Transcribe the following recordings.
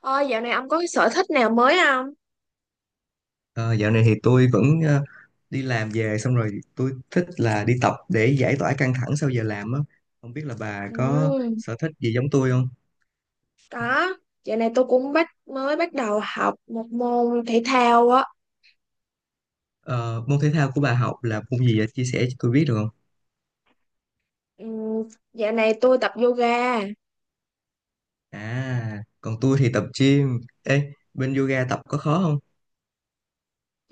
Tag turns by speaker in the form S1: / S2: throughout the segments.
S1: Ôi, dạo này ông có cái sở thích nào mới không?
S2: Ờ, Dạo này thì tôi vẫn đi làm về xong rồi tôi thích là đi tập để giải tỏa căng thẳng sau giờ làm á. Không biết là bà có
S1: Ừ,
S2: sở thích gì giống tôi không?
S1: có. Dạo này tôi cũng mới bắt đầu học một môn thể thao á.
S2: Ờ, Môn thể thao của bà học là môn gì vậy? Chia sẻ cho tôi biết được không?
S1: Ừ, dạo này tôi tập yoga.
S2: À, còn tôi thì tập gym. Ê, bên yoga tập có khó không?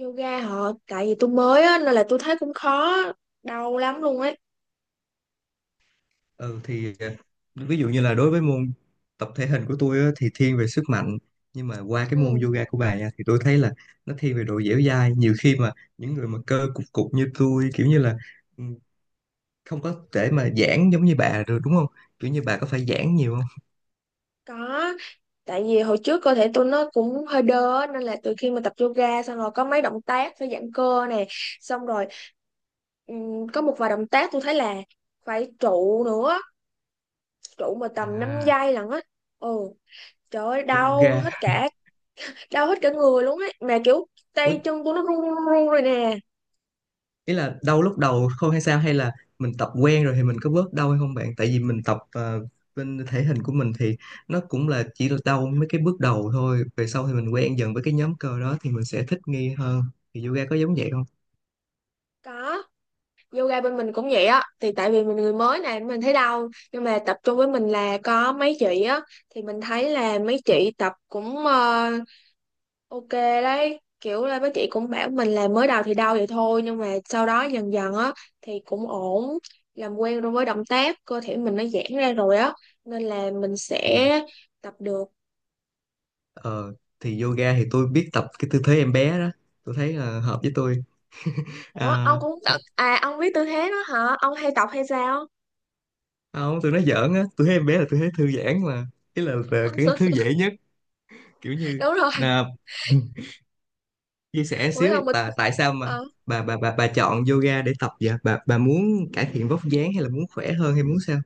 S1: Tại vì tôi mới á, nên là tôi thấy cũng khó, đau lắm luôn ấy.
S2: Ừ thì ví dụ như là đối với môn tập thể hình của tôi á, thì thiên về sức mạnh, nhưng mà qua cái môn
S1: Ừ,
S2: yoga của bà nha thì tôi thấy là nó thiên về độ dẻo dai. Nhiều khi mà những người mà cơ cục cục như tôi kiểu như là, ừ, không có thể mà giãn giống như bà được, đúng không? Kiểu như bà có phải giãn nhiều không?
S1: có. Tại vì hồi trước cơ thể tôi nó cũng hơi đơ á, nên là từ khi mà tập yoga xong rồi có mấy động tác phải giãn cơ nè, xong rồi có một vài động tác tôi thấy là phải trụ nữa, trụ mà tầm 5
S2: À,
S1: giây lận á. Ồ, trời ơi,
S2: yoga.
S1: đau hết cả người luôn á, mà kiểu
S2: Ủa,
S1: tay chân của nó run run run rồi nè.
S2: ý là đau lúc đầu không hay sao, hay là mình tập quen rồi thì mình có bớt đau hay không bạn? Tại vì mình tập, bên thể hình của mình thì nó cũng là chỉ là đau mấy cái bước đầu thôi, về sau thì mình quen dần với cái nhóm cơ đó thì mình sẽ thích nghi hơn. Thì yoga có giống vậy không?
S1: Có. Yoga bên mình cũng vậy á, thì tại vì mình người mới này mình thấy đau, nhưng mà tập trung với mình là có mấy chị á, thì mình thấy là mấy chị tập cũng ok đấy, kiểu là mấy chị cũng bảo mình là mới đầu thì đau vậy thôi, nhưng mà sau đó dần dần á thì cũng ổn, làm quen rồi với động tác, cơ thể mình nó giãn ra rồi á, nên là mình
S2: Ừ.
S1: sẽ tập được.
S2: ờ, thì yoga thì tôi biết tập cái tư thế em bé đó, tôi thấy là hợp với tôi.
S1: Ủa,
S2: À,
S1: ông cũng tập à? Ông biết tư thế đó hả? Ông hay tập hay sao?
S2: không, tôi nói giỡn á, tôi thấy em bé là tôi thấy thư giãn mà. Ý là cái thư dễ nhất, kiểu như
S1: Đúng rồi,
S2: là. Chia sẻ
S1: mỗi
S2: xíu,
S1: lần mình
S2: tại tại sao mà
S1: ờ,
S2: bà chọn yoga để tập vậy? Bà muốn cải thiện vóc dáng hay là muốn khỏe hơn hay muốn sao?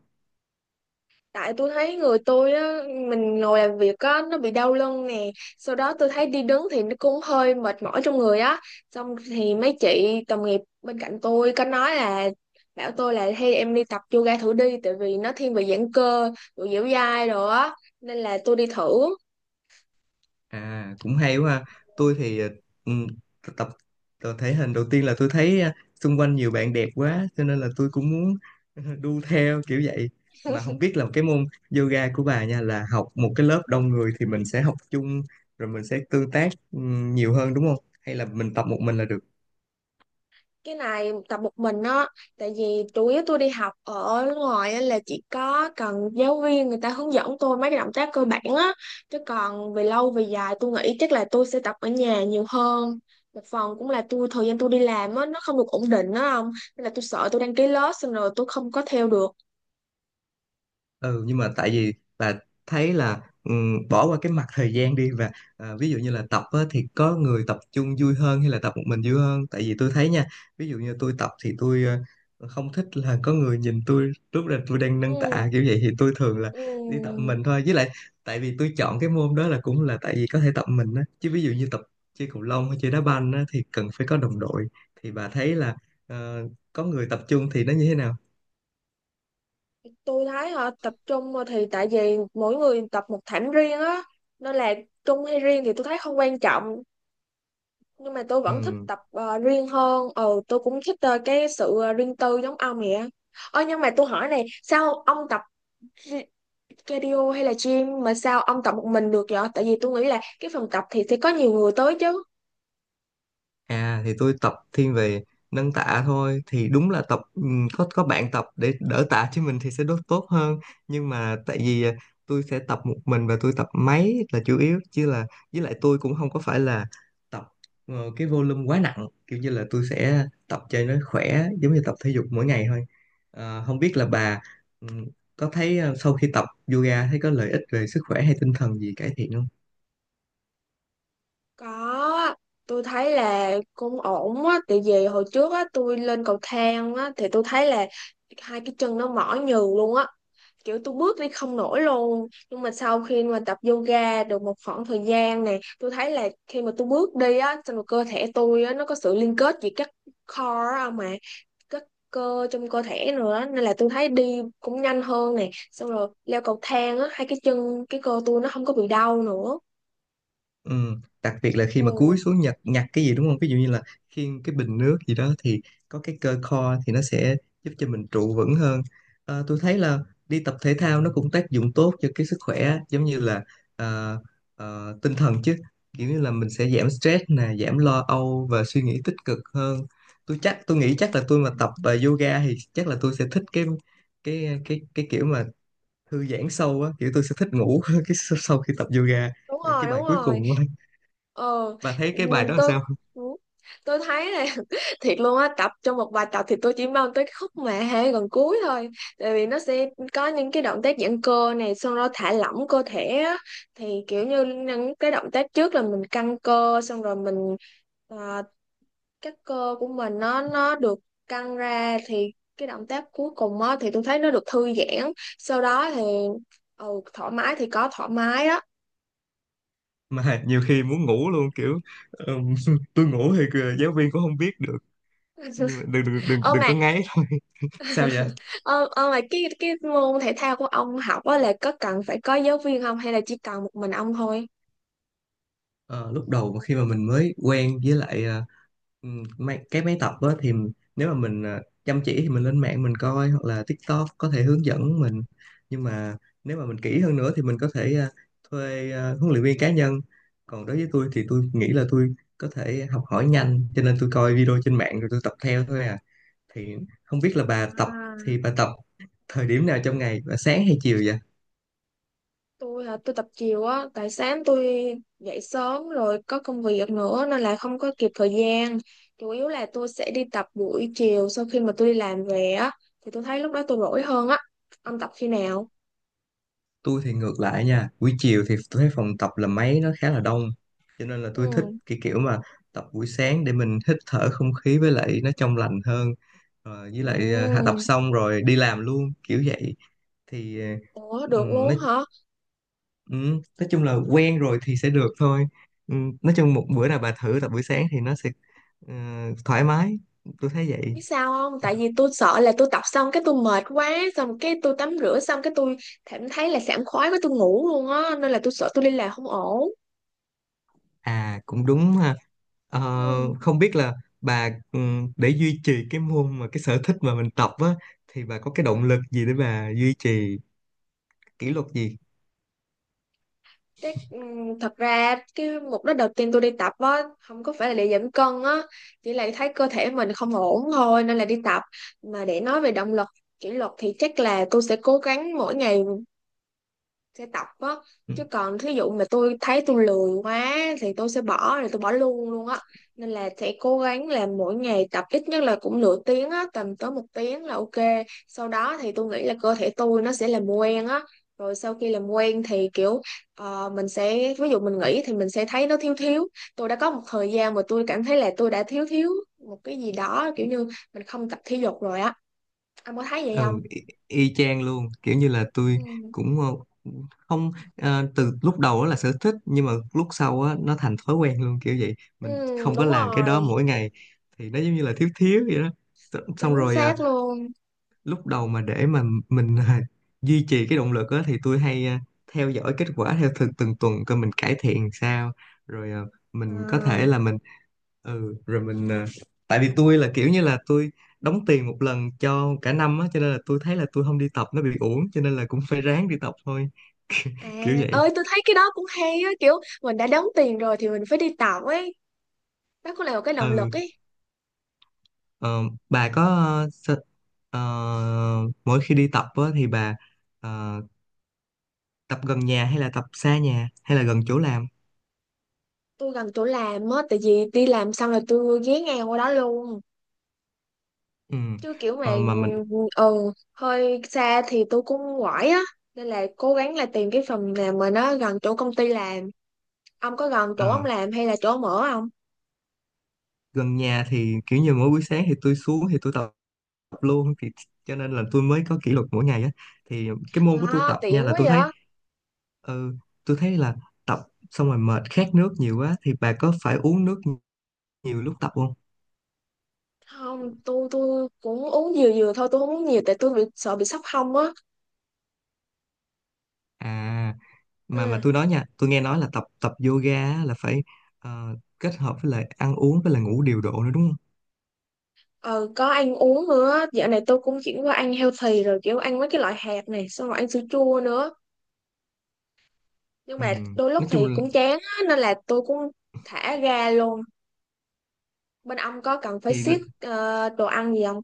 S1: tại tôi thấy người tôi á, mình ngồi làm việc á nó bị đau lưng nè, sau đó tôi thấy đi đứng thì nó cũng hơi mệt mỏi trong người á. Xong thì mấy chị đồng nghiệp bên cạnh tôi có nói là, bảo tôi là hay em đi tập yoga thử đi, tại vì nó thiên về giãn cơ, rồi dẻo dai rồi á, nên là tôi đi thử.
S2: À, cũng hay quá ha. Tôi thì, ừ, tập, tập thể hình đầu tiên là tôi thấy xung quanh nhiều bạn đẹp quá cho nên là tôi cũng muốn đu theo kiểu vậy. Mà không biết là cái môn yoga của bà nha là học một cái lớp đông người thì mình sẽ học chung, rồi mình sẽ tương tác nhiều hơn đúng không? Hay là mình tập một mình là được?
S1: Cái này tập một mình á, tại vì chủ yếu tôi đi học ở ngoài á là chỉ có cần giáo viên người ta hướng dẫn tôi mấy cái động tác cơ bản á, chứ còn về lâu về dài tôi nghĩ chắc là tôi sẽ tập ở nhà nhiều hơn. Một phần cũng là tôi thời gian tôi đi làm á nó không được ổn định á, không, nên là tôi sợ tôi đăng ký lớp xong rồi tôi không có theo được.
S2: Ừ, nhưng mà tại vì là thấy là, bỏ qua cái mặt thời gian đi, và à, ví dụ như là tập á, thì có người tập chung vui hơn hay là tập một mình vui hơn? Tại vì tôi thấy nha, ví dụ như tôi tập thì tôi không thích là có người nhìn tôi lúc là tôi đang nâng tạ
S1: Ừ,
S2: kiểu vậy, thì tôi thường là
S1: ừ.
S2: đi tập mình thôi. Với lại tại vì tôi chọn cái môn đó là cũng là tại vì có thể tập mình á, chứ ví dụ như tập chơi cầu lông hay chơi đá banh á, thì cần phải có đồng đội. Thì bà thấy là ờ, có người tập chung thì nó như thế nào?
S1: Tôi thấy họ tập trung thì tại vì mỗi người tập một thảm riêng á, nên là chung hay riêng thì tôi thấy không quan trọng, nhưng mà tôi vẫn thích
S2: Ừ.
S1: tập riêng hơn, ừ, tôi cũng thích cái sự riêng tư giống ông vậy á. Ơ, nhưng mà tôi hỏi này, sao ông tập ri- cardio hay là gym mà sao ông tập một mình được vậy, tại vì tôi nghĩ là cái phòng tập thì sẽ có nhiều người tới chứ.
S2: À, thì tôi tập thiên về nâng tạ thôi, thì đúng là tập, có bạn tập để đỡ tạ cho mình thì sẽ đốt tốt hơn. Nhưng mà tại vì à, tôi sẽ tập một mình và tôi tập máy là chủ yếu, chứ là với lại tôi cũng không có phải là tập cái volume quá nặng, kiểu như là tôi sẽ tập cho nó khỏe giống như tập thể dục mỗi ngày thôi. Ờ, không biết là bà, ừm, có thấy sau khi tập yoga thấy có lợi ích về sức khỏe hay tinh thần gì cải thiện không?
S1: Có, tôi thấy là cũng ổn á, tại vì hồi trước á tôi lên cầu thang á thì tôi thấy là hai cái chân nó mỏi nhừ luôn á, kiểu tôi bước đi không nổi luôn. Nhưng mà sau khi mà tập yoga được một khoảng thời gian này, tôi thấy là khi mà tôi bước đi á, xong rồi cơ thể tôi á nó có sự liên kết với các core á, mà các cơ trong cơ thể nữa, nên là tôi thấy đi cũng nhanh hơn này. Xong rồi leo cầu thang á, hai cái chân cái cơ tôi nó không có bị đau nữa.
S2: Ừ, đặc biệt là khi mà cúi xuống nhặt nhặt cái gì đúng không? Ví dụ như là khiêng cái bình nước gì đó thì có cái cơ core thì nó sẽ giúp cho mình trụ vững hơn. Ờ, tôi thấy là đi tập thể thao nó cũng tác dụng tốt cho cái sức khỏe á, giống như là ờ, tinh thần chứ. Kiểu như là mình sẽ giảm stress nè, giảm lo âu và suy nghĩ tích cực hơn. Tôi chắc tôi nghĩ chắc là tôi mà tập
S1: Ừ.
S2: yoga thì chắc là tôi sẽ thích cái cái kiểu mà thư giãn sâu á, kiểu tôi sẽ thích ngủ cái sau sau khi tập yoga,
S1: Đúng
S2: cái
S1: rồi,
S2: bài
S1: đúng
S2: cuối cùng.
S1: rồi. ờ
S2: Bà thấy
S1: ừ,
S2: cái bài đó làm
S1: tôi
S2: sao?
S1: ừ. Tôi thấy là thiệt luôn á, tập trong một bài tập thì tôi chỉ mong tới cái khúc mà hay gần cuối thôi, tại vì nó sẽ có những cái động tác giãn cơ này, xong rồi thả lỏng cơ thể á, thì kiểu như những cái động tác trước là mình căng cơ xong rồi mình à, các cơ của mình nó được căng ra, thì cái động tác cuối cùng á thì tôi thấy nó được thư giãn, sau đó thì ừ, thoải mái thì có thoải mái á.
S2: Mà nhiều khi muốn ngủ luôn kiểu, ừm, tôi ngủ thì kìa, giáo viên cũng không biết được. Nhưng mà đừng đừng đừng,
S1: Ơ
S2: đừng có
S1: mà...
S2: ngáy thôi. Sao vậy?
S1: Ờ, mà cái môn thể thao của ông học á là có cần phải có giáo viên không, hay là chỉ cần một mình ông thôi?
S2: Ờ, lúc đầu mà khi mà mình mới quen với lại, máy, cái máy tập á, thì nếu mà mình chăm chỉ thì mình lên mạng mình coi, hoặc là TikTok có thể hướng dẫn mình. Nhưng mà nếu mà mình kỹ hơn nữa thì mình có thể thuê huấn luyện viên cá nhân. Còn đối với tôi thì tôi nghĩ là tôi có thể học hỏi nhanh cho nên tôi coi video trên mạng rồi tôi tập theo thôi. À, thì không biết là bà tập,
S1: À,
S2: thì bà tập thời điểm nào trong ngày bà, sáng hay chiều vậy?
S1: tôi hả, tôi tập chiều á, tại sáng tôi dậy sớm rồi có công việc nữa nên là không có kịp thời gian. Chủ yếu là tôi sẽ đi tập buổi chiều sau khi mà tôi đi làm về á, thì tôi thấy lúc đó tôi rỗi hơn á. Ông tập khi nào?
S2: Tôi thì ngược lại nha, buổi chiều thì tôi thấy phòng tập là máy nó khá là đông, cho nên là tôi thích
S1: Ừ.
S2: cái kiểu mà tập buổi sáng để mình hít thở không khí với lại nó trong lành hơn. Ờ, với
S1: Ừ.
S2: lại hạ tập xong rồi đi làm luôn kiểu vậy. Thì
S1: Ủa, được
S2: nói,
S1: luôn hả?
S2: nói chung là quen rồi thì sẽ được thôi. Nói chung một bữa nào bà thử tập buổi sáng thì nó sẽ ờ, thoải mái, tôi thấy vậy.
S1: Biết sao không, tại vì tôi sợ là tôi tập xong cái tôi mệt quá, xong cái tôi tắm rửa xong cái tôi cảm thấy là sảng khoái quá, tôi ngủ luôn á, nên là tôi sợ tôi đi làm không ổn.
S2: À, cũng đúng ha. Ờ,
S1: Ừ.
S2: không biết là bà, để duy trì cái môn mà cái sở thích mà mình tập á, thì bà có cái động lực gì để bà duy trì kỷ luật gì?
S1: Thế, ừ, thật ra cái mục đích đầu tiên tôi đi tập á không có phải là để giảm cân á, chỉ là thấy cơ thể mình không ổn thôi nên là đi tập. Mà để nói về động lực, kỷ luật thì chắc là tôi sẽ cố gắng mỗi ngày sẽ tập á,
S2: Ừ,
S1: chứ còn thí dụ mà tôi thấy tôi lười quá thì tôi sẽ bỏ rồi tôi bỏ luôn luôn á, nên là sẽ cố gắng làm mỗi ngày, tập ít nhất là cũng nửa tiếng á, tầm tới một tiếng là ok. Sau đó thì tôi nghĩ là cơ thể tôi nó sẽ làm quen á, rồi sau khi làm quen thì kiểu mình sẽ, ví dụ mình nghỉ thì mình sẽ thấy nó thiếu thiếu. Tôi đã có một thời gian mà tôi cảm thấy là tôi đã thiếu thiếu một cái gì đó, kiểu như mình không tập thể dục rồi á. Anh có thấy vậy
S2: ừ,
S1: không?
S2: y, y chang luôn, kiểu như là tôi
S1: Ừ.
S2: cũng ờ, không ờ, từ lúc đầu đó là sở thích nhưng mà lúc sau á nó thành thói quen luôn kiểu vậy. Mình
S1: Ừ,
S2: không có
S1: đúng
S2: làm cái đó
S1: rồi.
S2: mỗi ngày thì nó giống như là thiếu thiếu vậy đó. Xong xong
S1: Chính
S2: rồi
S1: xác luôn.
S2: lúc đầu mà để mà mình à, duy trì cái động lực á, thì tôi hay à, theo dõi kết quả theo từng từng tuần coi mình cải thiện sao, rồi à, mình có thể
S1: À,
S2: là mình ừ rồi mình à, tại vì tôi là kiểu như là tôi đóng tiền một lần cho cả năm á, cho nên là tôi thấy là tôi không đi tập nó bị uổng, cho nên là cũng phải ráng đi tập thôi,
S1: à,
S2: kiểu vậy.
S1: ơi tôi thấy cái đó cũng hay á, kiểu mình đã đóng tiền rồi thì mình phải đi tạo ấy, đó cũng là một cái động lực
S2: Ừ,
S1: ấy.
S2: ờ, bà có ờ, mỗi khi đi tập á thì bà ờ, tập gần nhà hay là tập xa nhà hay là gần chỗ làm?
S1: Tôi gần chỗ làm á, tại vì đi làm xong là tôi ghé ngang qua đó luôn,
S2: Ừ
S1: chứ kiểu mà
S2: ờ, mà mình
S1: ừ, hơi xa thì tôi cũng quải á, nên là cố gắng là tìm cái phòng nào mà nó gần chỗ công ty làm. Ông có gần chỗ ông
S2: Ờ,
S1: làm hay là chỗ ông ở không?
S2: gần nhà thì kiểu như mỗi buổi sáng thì tôi xuống thì tôi tập luôn, thì cho nên là tôi mới có kỷ luật mỗi ngày á. Thì cái môn của tôi
S1: À,
S2: tập nha
S1: tiện
S2: là
S1: quá
S2: tôi thấy,
S1: vậy.
S2: ừ, tôi thấy là tập xong rồi mệt khát nước nhiều quá thì bà có phải uống nước nhiều lúc tập không?
S1: Không, tôi cũng uống dừa dừa thôi, tôi không uống nhiều, tại tôi bị sợ bị sốc hông á.
S2: À, mà
S1: Ừ.
S2: tôi nói nha, tôi nghe nói là tập tập yoga á, là phải kết hợp với lại ăn uống với lại ngủ điều độ nữa đúng không?
S1: Ờ, có ăn uống nữa, dạo này tôi cũng chuyển qua ăn healthy rồi, kiểu ăn mấy cái loại hạt này xong rồi ăn sữa chua nữa, nhưng
S2: Ừ.
S1: mà đôi lúc
S2: Nói chung
S1: thì
S2: là
S1: cũng chán á, nên là tôi cũng thả ga luôn. Bên ông có cần phải
S2: thì
S1: siết đồ ăn gì không?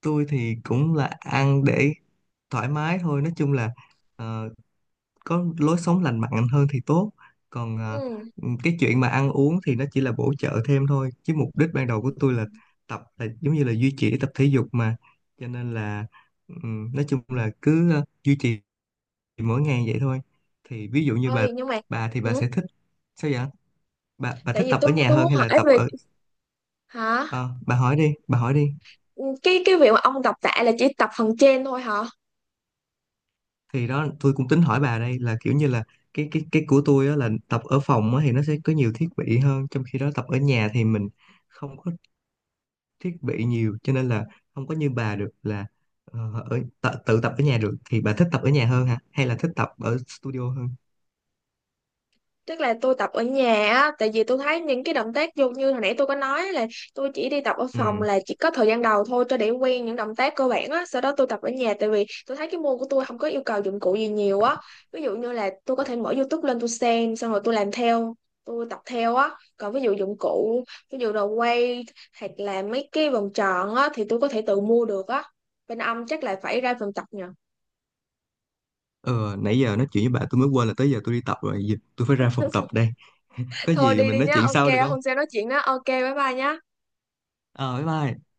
S2: tôi thì cũng là ăn để thoải mái thôi, nói chung là ờ, có lối sống lành mạnh hơn thì tốt. Còn à,
S1: Ừ.
S2: cái chuyện mà ăn uống thì nó chỉ là bổ trợ thêm thôi, chứ mục đích ban đầu của tôi là tập là giống như là duy trì tập thể dục mà, cho nên là, nói chung là cứ duy trì mỗi ngày vậy thôi. Thì ví dụ như bà
S1: Ơi, nhưng mà
S2: bà thì bà
S1: ừ.
S2: sẽ thích, sao vậy, bà
S1: Tại
S2: thích
S1: vì
S2: tập ở
S1: tôi
S2: nhà
S1: tôi
S2: hơn
S1: muốn
S2: hay là
S1: hỏi
S2: tập
S1: về...
S2: ở,
S1: Hả?
S2: ờ, bà hỏi đi bà hỏi đi.
S1: Ừ, cái việc mà ông đọc tạ là chỉ tập phần trên thôi hả?
S2: Thì đó tôi cũng tính hỏi bà đây, là kiểu như là cái cái của tôi á là tập ở phòng á thì nó sẽ có nhiều thiết bị hơn, trong khi đó tập ở nhà thì mình không có thiết bị nhiều cho nên là không có như bà được là ờ, ở tự, tự tập ở nhà được. Thì bà thích tập ở nhà hơn hả hay là thích tập ở studio hơn?
S1: Tức là tôi tập ở nhà á, tại vì tôi thấy những cái động tác vô như hồi nãy tôi có nói là tôi chỉ đi tập ở
S2: Ừ.
S1: phòng là chỉ có thời gian đầu thôi cho để quen những động tác cơ bản á, sau đó tôi tập ở nhà tại vì tôi thấy cái môn của tôi không có yêu cầu dụng cụ gì nhiều á. Ví dụ như là tôi có thể mở YouTube lên tôi xem xong rồi tôi làm theo, tôi tập theo á. Còn ví dụ dụng cụ, ví dụ đồ quay hoặc là mấy cái vòng tròn á thì tôi có thể tự mua được á. Bên ông chắc là phải ra phòng tập nhờ.
S2: Ờ, nãy giờ nói chuyện với bà tôi mới quên là tới giờ tôi đi tập rồi. Giờ tôi phải ra phòng tập đây, có
S1: Thôi
S2: gì
S1: đi
S2: mình
S1: đi
S2: nói
S1: nhá,
S2: chuyện sau được
S1: ok,
S2: không?
S1: hôm sau nói chuyện đó, ok, bye bye nhá.
S2: Ờ, bye bye.